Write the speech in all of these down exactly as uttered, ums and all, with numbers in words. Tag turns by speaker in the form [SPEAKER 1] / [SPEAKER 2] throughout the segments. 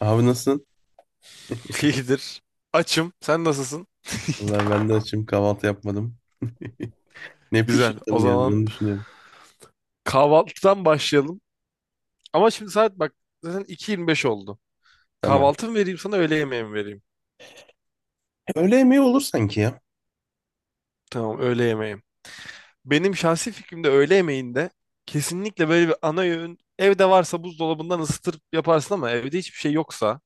[SPEAKER 1] Abi nasılsın?
[SPEAKER 2] İyidir. Açım. Sen nasılsın?
[SPEAKER 1] Vallahi ben de açım, kahvaltı yapmadım. Ne
[SPEAKER 2] Güzel. O
[SPEAKER 1] pişirdim ya, bir
[SPEAKER 2] zaman
[SPEAKER 1] onu düşünüyorum.
[SPEAKER 2] kahvaltıdan başlayalım. Ama şimdi saat bak zaten iki yirmi beş oldu.
[SPEAKER 1] Tamam.
[SPEAKER 2] Kahvaltı mı vereyim sana öğle yemeği mi vereyim?
[SPEAKER 1] Öğle yemeği olur sanki ya.
[SPEAKER 2] Tamam, öğle yemeğim. Benim şahsi fikrimde öğle yemeğinde kesinlikle böyle bir ana öğün evde varsa buzdolabından ısıtır yaparsın, ama evde hiçbir şey yoksa.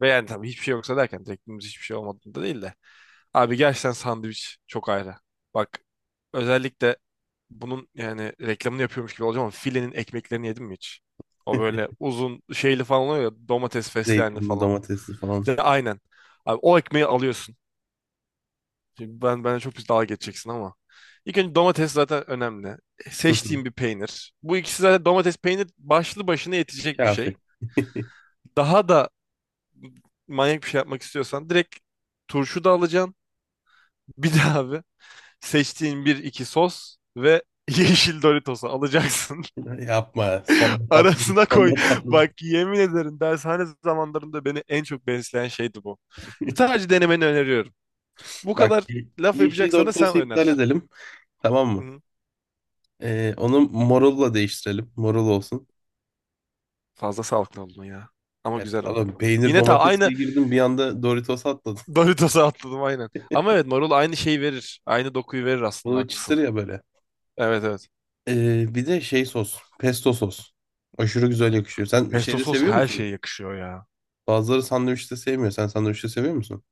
[SPEAKER 2] Ve yani tabii hiçbir şey yoksa derken teknemiz hiçbir şey olmadığında değil de. Abi gerçekten sandviç çok ayrı. Bak, özellikle bunun yani reklamını yapıyormuş gibi olacağım ama filenin ekmeklerini yedim mi hiç? O böyle uzun şeyli falan oluyor ya, domates fesleğenli
[SPEAKER 1] Zeytinli,
[SPEAKER 2] falan.
[SPEAKER 1] domatesli falan.
[SPEAKER 2] Bir de aynen. Abi, o ekmeği alıyorsun. Şimdi ben, bana çok bir dalga geçeceksin ama. İlk önce domates zaten önemli.
[SPEAKER 1] Hı hı.
[SPEAKER 2] Seçtiğim bir peynir. Bu ikisi zaten, domates peynir, başlı başına yetecek bir şey.
[SPEAKER 1] Kafi.
[SPEAKER 2] Daha da manyak bir şey yapmak istiyorsan direkt turşu da alacaksın. Bir de abi, seçtiğin bir iki sos ve yeşil Doritos'u alacaksın.
[SPEAKER 1] Yapma. Sonunda patladık.
[SPEAKER 2] Arasına koy.
[SPEAKER 1] Sonunda patladık.
[SPEAKER 2] Bak, yemin ederim dershane zamanlarında beni en çok besleyen şeydi bu. Sadece denemeni öneriyorum. Bu kadar
[SPEAKER 1] Bak,
[SPEAKER 2] laf
[SPEAKER 1] yeşil
[SPEAKER 2] yapacaksan da sen
[SPEAKER 1] Doritos'u iptal
[SPEAKER 2] öner.
[SPEAKER 1] edelim. Tamam mı?
[SPEAKER 2] Hı.
[SPEAKER 1] Ee, onu morulla değiştirelim. Morul olsun.
[SPEAKER 2] Fazla sağlıklı oldun ya. Ama
[SPEAKER 1] Evet,
[SPEAKER 2] güzel ola.
[SPEAKER 1] ama peynir
[SPEAKER 2] Yine ta aynı
[SPEAKER 1] domatesle girdim, bir anda Doritos atladım.
[SPEAKER 2] Doritos'a atladım aynen. Ama evet, marul aynı şeyi verir. Aynı dokuyu verir, aslında
[SPEAKER 1] Bunu bir çıtır
[SPEAKER 2] haklısın.
[SPEAKER 1] ya böyle.
[SPEAKER 2] Evet, evet.
[SPEAKER 1] Ee, bir de şey sos. Pesto sos. Aşırı güzel yakışıyor. Sen
[SPEAKER 2] Pesto
[SPEAKER 1] şeyde
[SPEAKER 2] sos
[SPEAKER 1] seviyor
[SPEAKER 2] her
[SPEAKER 1] musun?
[SPEAKER 2] şeye yakışıyor ya.
[SPEAKER 1] Bazıları sandviçte sevmiyor. Sen sandviçte seviyor musun?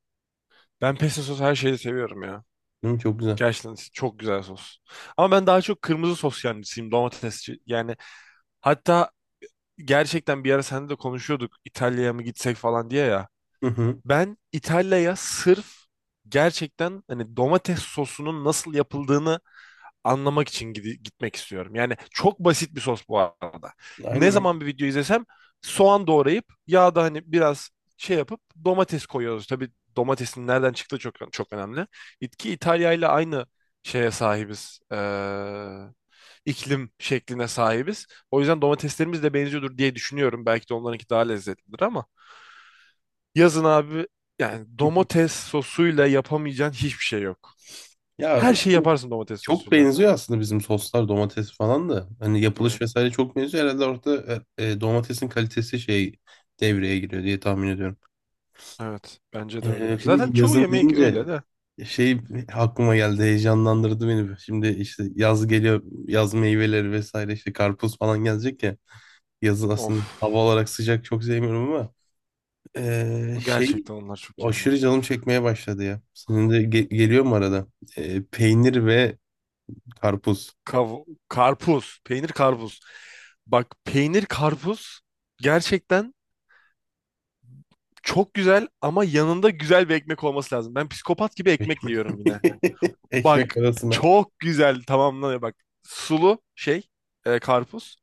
[SPEAKER 2] Ben pesto sos her şeyi seviyorum ya.
[SPEAKER 1] Değil mi? Çok güzel.
[SPEAKER 2] Gerçekten çok güzel sos. Ama ben daha çok kırmızı sos yancısıyım, domatesçi. Yani hatta, gerçekten bir ara seninle de konuşuyorduk İtalya'ya mı gitsek falan diye ya.
[SPEAKER 1] Hı hı.
[SPEAKER 2] Ben İtalya'ya sırf gerçekten hani domates sosunun nasıl yapıldığını anlamak için gidi- gitmek istiyorum. Yani çok basit bir sos bu arada. Ne
[SPEAKER 1] Aynen.
[SPEAKER 2] zaman bir video izlesem soğan doğrayıp yağda hani biraz şey yapıp domates koyuyoruz. Tabii domatesin nereden çıktığı çok çok önemli. İtki İtalya ile aynı şeye sahibiz. Ee, iklim şekline sahibiz. O yüzden domateslerimiz de benziyordur diye düşünüyorum. Belki de onlarınki daha lezzetlidir ama yazın abi, yani domates sosuyla yapamayacağın hiçbir şey yok.
[SPEAKER 1] Ya
[SPEAKER 2] Her şeyi yaparsın domates
[SPEAKER 1] çok
[SPEAKER 2] sosuyla.
[SPEAKER 1] benziyor aslında bizim soslar, domates falan da. Hani yapılış
[SPEAKER 2] Evet.
[SPEAKER 1] vesaire çok benziyor. Herhalde orada e, e, domatesin kalitesi şey devreye giriyor diye tahmin ediyorum.
[SPEAKER 2] Evet, bence de
[SPEAKER 1] Ee,
[SPEAKER 2] öyledir. Zaten
[SPEAKER 1] şimdi
[SPEAKER 2] çoğu
[SPEAKER 1] yazın
[SPEAKER 2] yemek
[SPEAKER 1] deyince
[SPEAKER 2] öyle de.
[SPEAKER 1] şey aklıma geldi, heyecanlandırdı beni. Şimdi işte yaz geliyor, yaz meyveleri vesaire işte karpuz falan gelecek ya. Yazın
[SPEAKER 2] Of,
[SPEAKER 1] aslında hava olarak sıcak çok sevmiyorum ama eee, şey
[SPEAKER 2] gerçekten onlar çok iyi ama.
[SPEAKER 1] aşırı canım çekmeye başladı ya. Senin de ge- geliyor mu arada? Eee, peynir ve karpuz.
[SPEAKER 2] Kav Karpuz, peynir karpuz. Bak, peynir karpuz gerçekten çok güzel ama yanında güzel bir ekmek olması lazım. Ben psikopat gibi ekmekle
[SPEAKER 1] Ekmek,
[SPEAKER 2] yiyorum yine. Bak,
[SPEAKER 1] ekmek arasına.
[SPEAKER 2] çok güzel tamamlanıyor bak. Sulu şey, e, karpuz.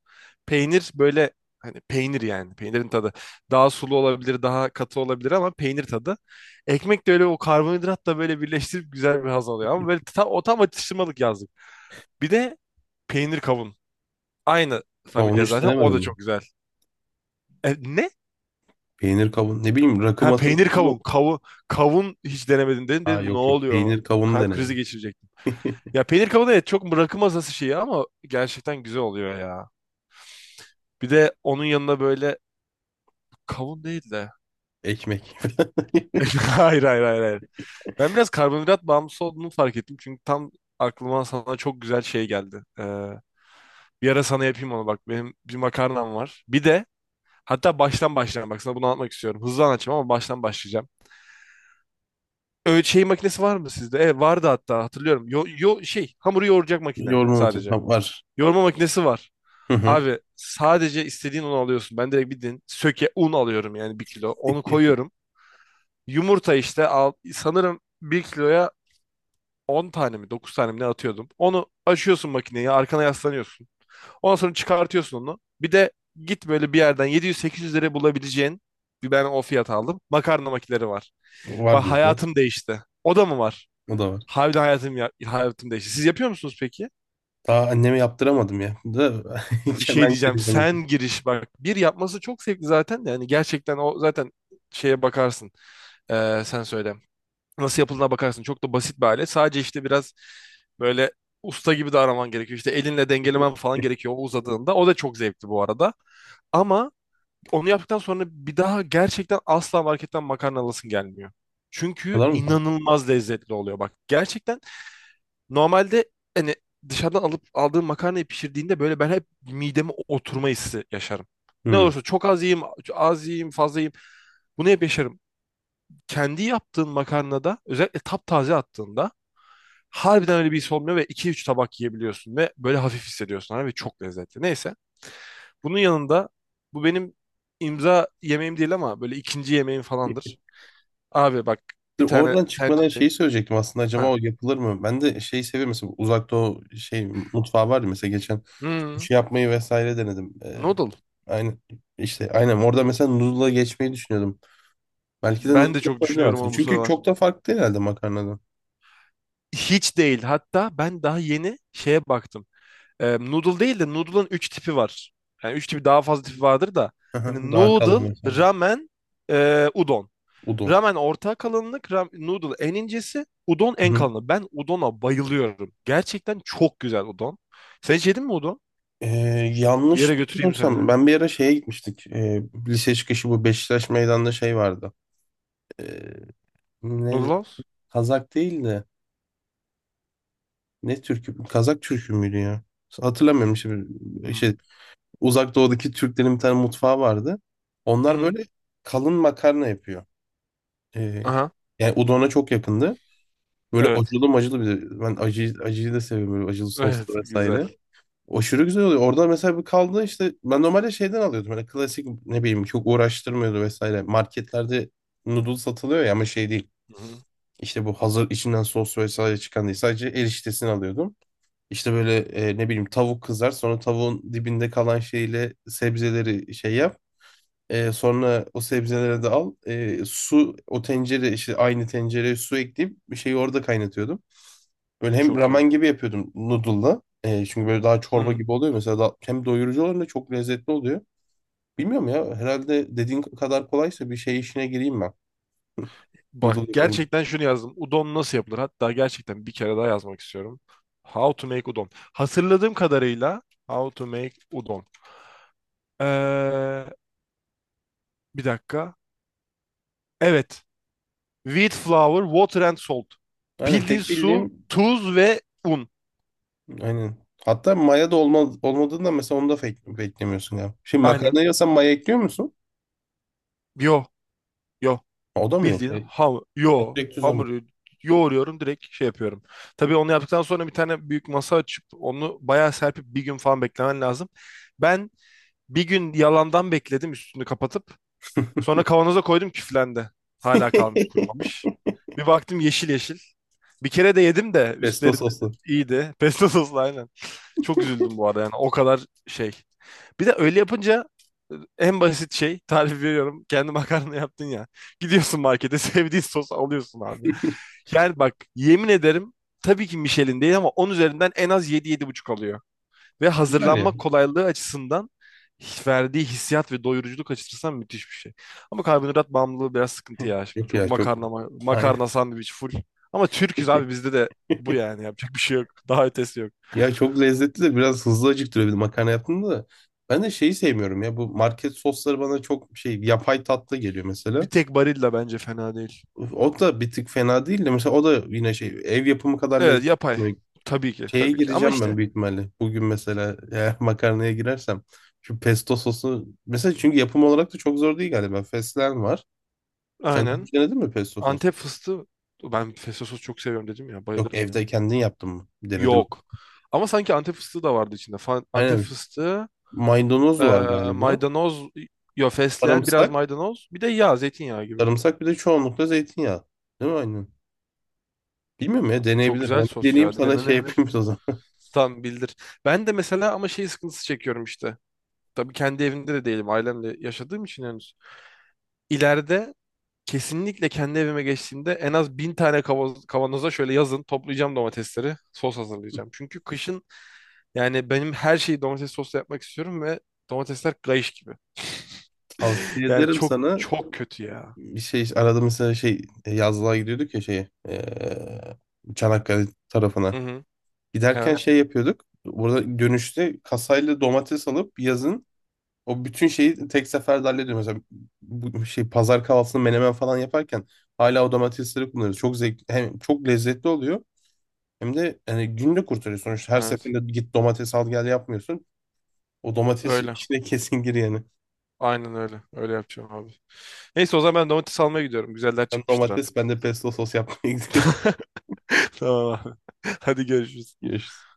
[SPEAKER 2] Peynir böyle hani peynir, yani peynirin tadı. Daha sulu olabilir daha katı olabilir, ama peynir tadı. Ekmek de öyle, o karbonhidratla böyle birleştirip güzel bir haz alıyor. Ama böyle tam, o tam atıştırmalık yazdık. Bir de peynir kavun. Aynı
[SPEAKER 1] Kavun
[SPEAKER 2] familya
[SPEAKER 1] hiç
[SPEAKER 2] zaten, o
[SPEAKER 1] denemedim
[SPEAKER 2] da
[SPEAKER 1] mi?
[SPEAKER 2] çok güzel. E, ne?
[SPEAKER 1] Peynir kavun. Ne bileyim, rakı
[SPEAKER 2] Ha,
[SPEAKER 1] masası
[SPEAKER 2] peynir
[SPEAKER 1] gibi
[SPEAKER 2] kavun.
[SPEAKER 1] oldu.
[SPEAKER 2] Kavun, kavun hiç denemedin dedim.
[SPEAKER 1] Aa,
[SPEAKER 2] Dedim ne
[SPEAKER 1] yok yok,
[SPEAKER 2] oluyor?
[SPEAKER 1] peynir kavunu
[SPEAKER 2] Kalp krizi
[SPEAKER 1] denemedim.
[SPEAKER 2] geçirecektim. Ya peynir kavun evet çok bırakılmaz nasıl şeyi ama gerçekten güzel oluyor ya. Bir de onun yanına böyle kavun değil de.
[SPEAKER 1] Ekmek.
[SPEAKER 2] Hayır, hayır, hayır, hayır. Ben biraz karbonhidrat bağımlısı olduğumu fark ettim. Çünkü tam aklıma sana çok güzel şey geldi. Ee, bir ara sana yapayım onu bak. Benim bir makarnam var. Bir de hatta baştan başlayalım. Bak sana bunu anlatmak istiyorum. Hızlı anlatacağım ama baştan başlayacağım. Öyle şey makinesi var mı sizde? Evet, vardı hatta hatırlıyorum. Yo, yo, şey hamuru yoğuracak makine
[SPEAKER 1] Yoğurma makinesi.
[SPEAKER 2] sadece.
[SPEAKER 1] Tamam, var.
[SPEAKER 2] Yoğurma makinesi var.
[SPEAKER 1] Hı hı.
[SPEAKER 2] Abi sadece istediğin unu alıyorsun. Ben direkt bildiğin söke un alıyorum, yani bir kilo. Onu koyuyorum. Yumurta işte al, sanırım bir kiloya on tane mi dokuz tane mi ne atıyordum. Onu açıyorsun, makineyi arkana yaslanıyorsun. Ondan sonra çıkartıyorsun onu. Bir de git böyle bir yerden yedi yüz sekiz yüz liraya bulabileceğin bir, ben o fiyat aldım. Makarna makineleri var.
[SPEAKER 1] Var
[SPEAKER 2] Bak,
[SPEAKER 1] bizde.
[SPEAKER 2] hayatım değişti. O da mı var?
[SPEAKER 1] O da var.
[SPEAKER 2] Harbiden hayatım ya, hayatım değişti. Siz yapıyor musunuz peki?
[SPEAKER 1] Daha anneme yaptıramadım ya. Da
[SPEAKER 2] Bir şey
[SPEAKER 1] ben
[SPEAKER 2] diyeceğim.
[SPEAKER 1] geleceğim.
[SPEAKER 2] Sen giriş bak. Bir yapması çok zevkli zaten de. Yani gerçekten o zaten şeye bakarsın. Ee, sen söyle. Nasıl yapıldığına bakarsın. Çok da basit bir alet. Sadece işte biraz böyle usta gibi davranman gerekiyor. İşte elinle dengelemen falan gerekiyor o uzadığında. O da çok zevkli bu arada. Ama onu yaptıktan sonra bir daha gerçekten asla marketten makarna alasın gelmiyor.
[SPEAKER 1] O
[SPEAKER 2] Çünkü
[SPEAKER 1] kadar mı fark?
[SPEAKER 2] inanılmaz lezzetli oluyor. Bak gerçekten. Normalde hani dışarıdan alıp aldığım makarnayı pişirdiğinde böyle ben hep mideme oturma hissi yaşarım. Ne
[SPEAKER 1] Hı.
[SPEAKER 2] olursa çok az yiyeyim, az yiyeyim, fazla yiyeyim. Bunu hep yaşarım. Kendi yaptığın makarnada özellikle taptaze attığında harbiden öyle bir his olmuyor ve iki üç tabak yiyebiliyorsun ve böyle hafif hissediyorsun abi ve çok lezzetli. Neyse. Bunun yanında bu benim imza yemeğim değil ama böyle ikinci yemeğim falandır. Abi bak, bir
[SPEAKER 1] Dur,
[SPEAKER 2] tane
[SPEAKER 1] oradan çıkmadan
[SPEAKER 2] tencere.
[SPEAKER 1] şeyi söyleyecektim aslında, acaba
[SPEAKER 2] Ha.
[SPEAKER 1] o yapılır mı? Ben de şeyi seviyorum, mesela uzakta o şey mutfağı var ya, mesela geçen
[SPEAKER 2] Hmm,
[SPEAKER 1] sushi yapmayı vesaire denedim. Ee,
[SPEAKER 2] noodle.
[SPEAKER 1] aynı işte, aynen orada mesela noodle'a geçmeyi düşünüyordum. Belki de
[SPEAKER 2] Ben
[SPEAKER 1] noodle
[SPEAKER 2] de çok
[SPEAKER 1] yapabilir
[SPEAKER 2] düşünüyorum
[SPEAKER 1] aslında.
[SPEAKER 2] onu bu
[SPEAKER 1] Çünkü
[SPEAKER 2] sıralar.
[SPEAKER 1] çok da farklı herhalde makarnadan.
[SPEAKER 2] Hiç değil. Hatta ben daha yeni şeye baktım. Ee, noodle değil de noodle'ın üç tipi var. Yani üç tipi, daha fazla tipi vardır da.
[SPEAKER 1] Aha,
[SPEAKER 2] Hani
[SPEAKER 1] daha kalın
[SPEAKER 2] noodle,
[SPEAKER 1] mesela
[SPEAKER 2] ramen, e, udon.
[SPEAKER 1] udon.
[SPEAKER 2] Ramen orta kalınlık, ram- noodle en incesi, udon
[SPEAKER 1] Hı
[SPEAKER 2] en
[SPEAKER 1] hı.
[SPEAKER 2] kalını. Ben udona bayılıyorum. Gerçekten çok güzel udon. Sen hiç yedin mi udon?
[SPEAKER 1] Ee,
[SPEAKER 2] Bir
[SPEAKER 1] Yanlış
[SPEAKER 2] yere götüreyim seni.
[SPEAKER 1] bilmiyorsam ben bir ara şeye gitmiştik. Ee, lise çıkışı bu Beşiktaş meydanda şey vardı. Ee,
[SPEAKER 2] Noodle
[SPEAKER 1] Neydi?
[SPEAKER 2] House?
[SPEAKER 1] Kazak değildi. Ne türkü? Kazak türkü müydü ya? Hatırlamıyorum şimdi.
[SPEAKER 2] Hı.
[SPEAKER 1] Şey, Uzak Doğu'daki Türklerin bir tane mutfağı vardı.
[SPEAKER 2] Hı
[SPEAKER 1] Onlar
[SPEAKER 2] hı.
[SPEAKER 1] böyle kalın makarna yapıyor. Ee,
[SPEAKER 2] Aha.
[SPEAKER 1] Yani udona çok yakındı. Böyle
[SPEAKER 2] Evet.
[SPEAKER 1] acılı macılı bir de. Ben acıyı, acıyı da seviyorum. Böyle acılı
[SPEAKER 2] Evet.
[SPEAKER 1] soslu
[SPEAKER 2] Güzel.
[SPEAKER 1] vesaire. Aşırı güzel oluyor. Orada mesela bir kaldı işte. Ben normalde şeyden alıyordum. Böyle klasik, ne bileyim, çok uğraştırmıyordu vesaire. Marketlerde noodle satılıyor ya, ama şey değil.
[SPEAKER 2] Hı hı.
[SPEAKER 1] İşte bu hazır içinden sos vesaire çıkan değil. Sadece eriştesini alıyordum. İşte böyle e, ne bileyim, tavuk kızar, sonra tavuğun dibinde kalan şeyle sebzeleri şey yap. E, sonra o sebzeleri de al. E, su O tencere işte, aynı tencereye su ekleyip bir şeyi orada kaynatıyordum. Böyle hem
[SPEAKER 2] Çok iyi.
[SPEAKER 1] ramen gibi yapıyordum noodle'la. E, çünkü böyle daha
[SPEAKER 2] Hı
[SPEAKER 1] çorba
[SPEAKER 2] hı.
[SPEAKER 1] gibi oluyor mesela da, hem doyurucu oluyor hem de çok lezzetli oluyor. Bilmiyorum ya, herhalde dediğin kadar kolaysa bir şey işine gireyim ben.
[SPEAKER 2] Bak
[SPEAKER 1] Noodle yapayım.
[SPEAKER 2] gerçekten şunu yazdım. Udon nasıl yapılır? Hatta gerçekten bir kere daha yazmak istiyorum. How to make udon. Hatırladığım kadarıyla how to make udon. Ee, Bir dakika. Evet. Wheat flour, water and salt.
[SPEAKER 1] Aynen,
[SPEAKER 2] Bildiğin
[SPEAKER 1] tek
[SPEAKER 2] su,
[SPEAKER 1] bildiğim
[SPEAKER 2] tuz ve un.
[SPEAKER 1] aynen. Hatta maya da olma, olmadığında mesela onu da fake, beklemiyorsun ya. Şimdi
[SPEAKER 2] Aynen.
[SPEAKER 1] makarna yiyorsan maya ekliyor musun?
[SPEAKER 2] Yo, yo.
[SPEAKER 1] O da mı yok?
[SPEAKER 2] Bildiğin
[SPEAKER 1] E,
[SPEAKER 2] ham, yo.
[SPEAKER 1] ekmek düz ama.
[SPEAKER 2] Hamuru yoğuruyorum direkt şey yapıyorum. Tabii onu yaptıktan sonra bir tane büyük masa açıp onu bayağı serpip bir gün falan beklemen lazım. Ben bir gün yalandan bekledim üstünü kapatıp. Sonra kavanoza koydum küflendi. Hala kalmış kurumamış. Bir baktım yeşil yeşil. Bir kere de yedim de
[SPEAKER 1] Pesto
[SPEAKER 2] üstleri de-
[SPEAKER 1] soslu.
[SPEAKER 2] iyiydi. Pesto soslu aynen. Çok üzüldüm bu arada yani o kadar şey. Bir de öyle yapınca, e, en basit şey tarif veriyorum. Kendi makarna yaptın ya. Gidiyorsun markete sevdiğin sos alıyorsun abi. Yani bak yemin ederim, tabii ki Michelin değil ama on üzerinden en az yedi yedi buçuk alıyor. Ve
[SPEAKER 1] Güzel
[SPEAKER 2] hazırlanma
[SPEAKER 1] ya.
[SPEAKER 2] kolaylığı açısından verdiği hissiyat ve doyuruculuk açısından müthiş bir şey. Ama karbonhidrat bağımlılığı biraz sıkıntı ya şimdi.
[SPEAKER 1] Yok
[SPEAKER 2] Çok
[SPEAKER 1] ya, çok.
[SPEAKER 2] makarna, ma-
[SPEAKER 1] Aynen.
[SPEAKER 2] makarna sandviç full. Ama Türk'üz abi, bizde de bu yani yapacak bir şey yok. Daha ötesi yok.
[SPEAKER 1] Ya çok lezzetli de biraz hızlı acıktırıyor bir de makarna yaptığında da. Ben de şeyi sevmiyorum ya, bu market sosları bana çok şey, yapay tatlı geliyor
[SPEAKER 2] Bir
[SPEAKER 1] mesela.
[SPEAKER 2] tek Barilla bence fena değil.
[SPEAKER 1] O da bir tık fena değil de, mesela o da yine şey, ev yapımı kadar
[SPEAKER 2] Evet, yapay.
[SPEAKER 1] lezzetli.
[SPEAKER 2] Tabii ki,
[SPEAKER 1] Şeye
[SPEAKER 2] tabii ki. Ama
[SPEAKER 1] gireceğim ben
[SPEAKER 2] işte
[SPEAKER 1] büyük ihtimalle. Bugün mesela eğer makarnaya girersem şu pesto sosu mesela, çünkü yapım olarak da çok zor değil galiba. Fesleğen var. Sen daha
[SPEAKER 2] aynen.
[SPEAKER 1] önce denedin mi pesto sos?
[SPEAKER 2] Antep fıstığı, ben pesto sos çok seviyorum dedim ya,
[SPEAKER 1] Yok,
[SPEAKER 2] bayılırım ya.
[SPEAKER 1] evde kendin yaptın mı? Denedim.
[SPEAKER 2] Yok. Ama sanki Antep fıstığı da vardı içinde. Fa- Antep
[SPEAKER 1] Aynen.
[SPEAKER 2] fıstığı.
[SPEAKER 1] Maydanoz
[SPEAKER 2] Ee,
[SPEAKER 1] var galiba.
[SPEAKER 2] Maydanoz yo fesleğen biraz
[SPEAKER 1] Sarımsak.
[SPEAKER 2] maydanoz bir de yağ zeytinyağı gibi.
[SPEAKER 1] Sarımsak, bir de çoğunlukla zeytinyağı. Değil mi aynen? Bilmiyorum ya,
[SPEAKER 2] Çok
[SPEAKER 1] deneyebilir.
[SPEAKER 2] güzel
[SPEAKER 1] Ben bir
[SPEAKER 2] sos ya,
[SPEAKER 1] deneyeyim, sana şey
[SPEAKER 2] denenebilir.
[SPEAKER 1] yapayım o zaman.
[SPEAKER 2] Tam bildir. Ben de mesela ama şey sıkıntısı çekiyorum işte. Tabii kendi evimde de değilim, ailemle yaşadığım için henüz. İleride kesinlikle kendi evime geçtiğimde en az bin tane kavanoz- kavanoza şöyle yazın toplayacağım domatesleri sos hazırlayacağım. Çünkü kışın yani benim her şeyi domates sosla yapmak istiyorum ve domatesler kayış gibi.
[SPEAKER 1] Tavsiye
[SPEAKER 2] Yani
[SPEAKER 1] ederim
[SPEAKER 2] çok
[SPEAKER 1] sana.
[SPEAKER 2] çok kötü ya.
[SPEAKER 1] Bir şey arada mesela şey, yazlığa gidiyorduk ya şey, eee, Çanakkale
[SPEAKER 2] Hı
[SPEAKER 1] tarafına.
[SPEAKER 2] hı.
[SPEAKER 1] Giderken
[SPEAKER 2] Evet,
[SPEAKER 1] şey yapıyorduk. Burada dönüşte kasayla domates alıp yazın o bütün şeyi tek seferde hallediyoruz. Mesela bu şey, pazar kahvaltısını menemen falan yaparken hala o domatesleri kullanıyoruz. Çok zevk, hem çok lezzetli oluyor hem de yani günde kurtarıyor sonuçta. Her
[SPEAKER 2] evet,
[SPEAKER 1] seferinde git domates al gel yapmıyorsun. O domates
[SPEAKER 2] öyle.
[SPEAKER 1] içine kesin gir yani.
[SPEAKER 2] Aynen öyle. Öyle yapacağım abi. Neyse o zaman ben domates almaya gidiyorum. Güzeller
[SPEAKER 1] Sen
[SPEAKER 2] çıkmıştır
[SPEAKER 1] domates,
[SPEAKER 2] artık.
[SPEAKER 1] ben de pesto sos yapmaya gidiyorum.
[SPEAKER 2] Tamam abi. Hadi görüşürüz.
[SPEAKER 1] Görüşürüz.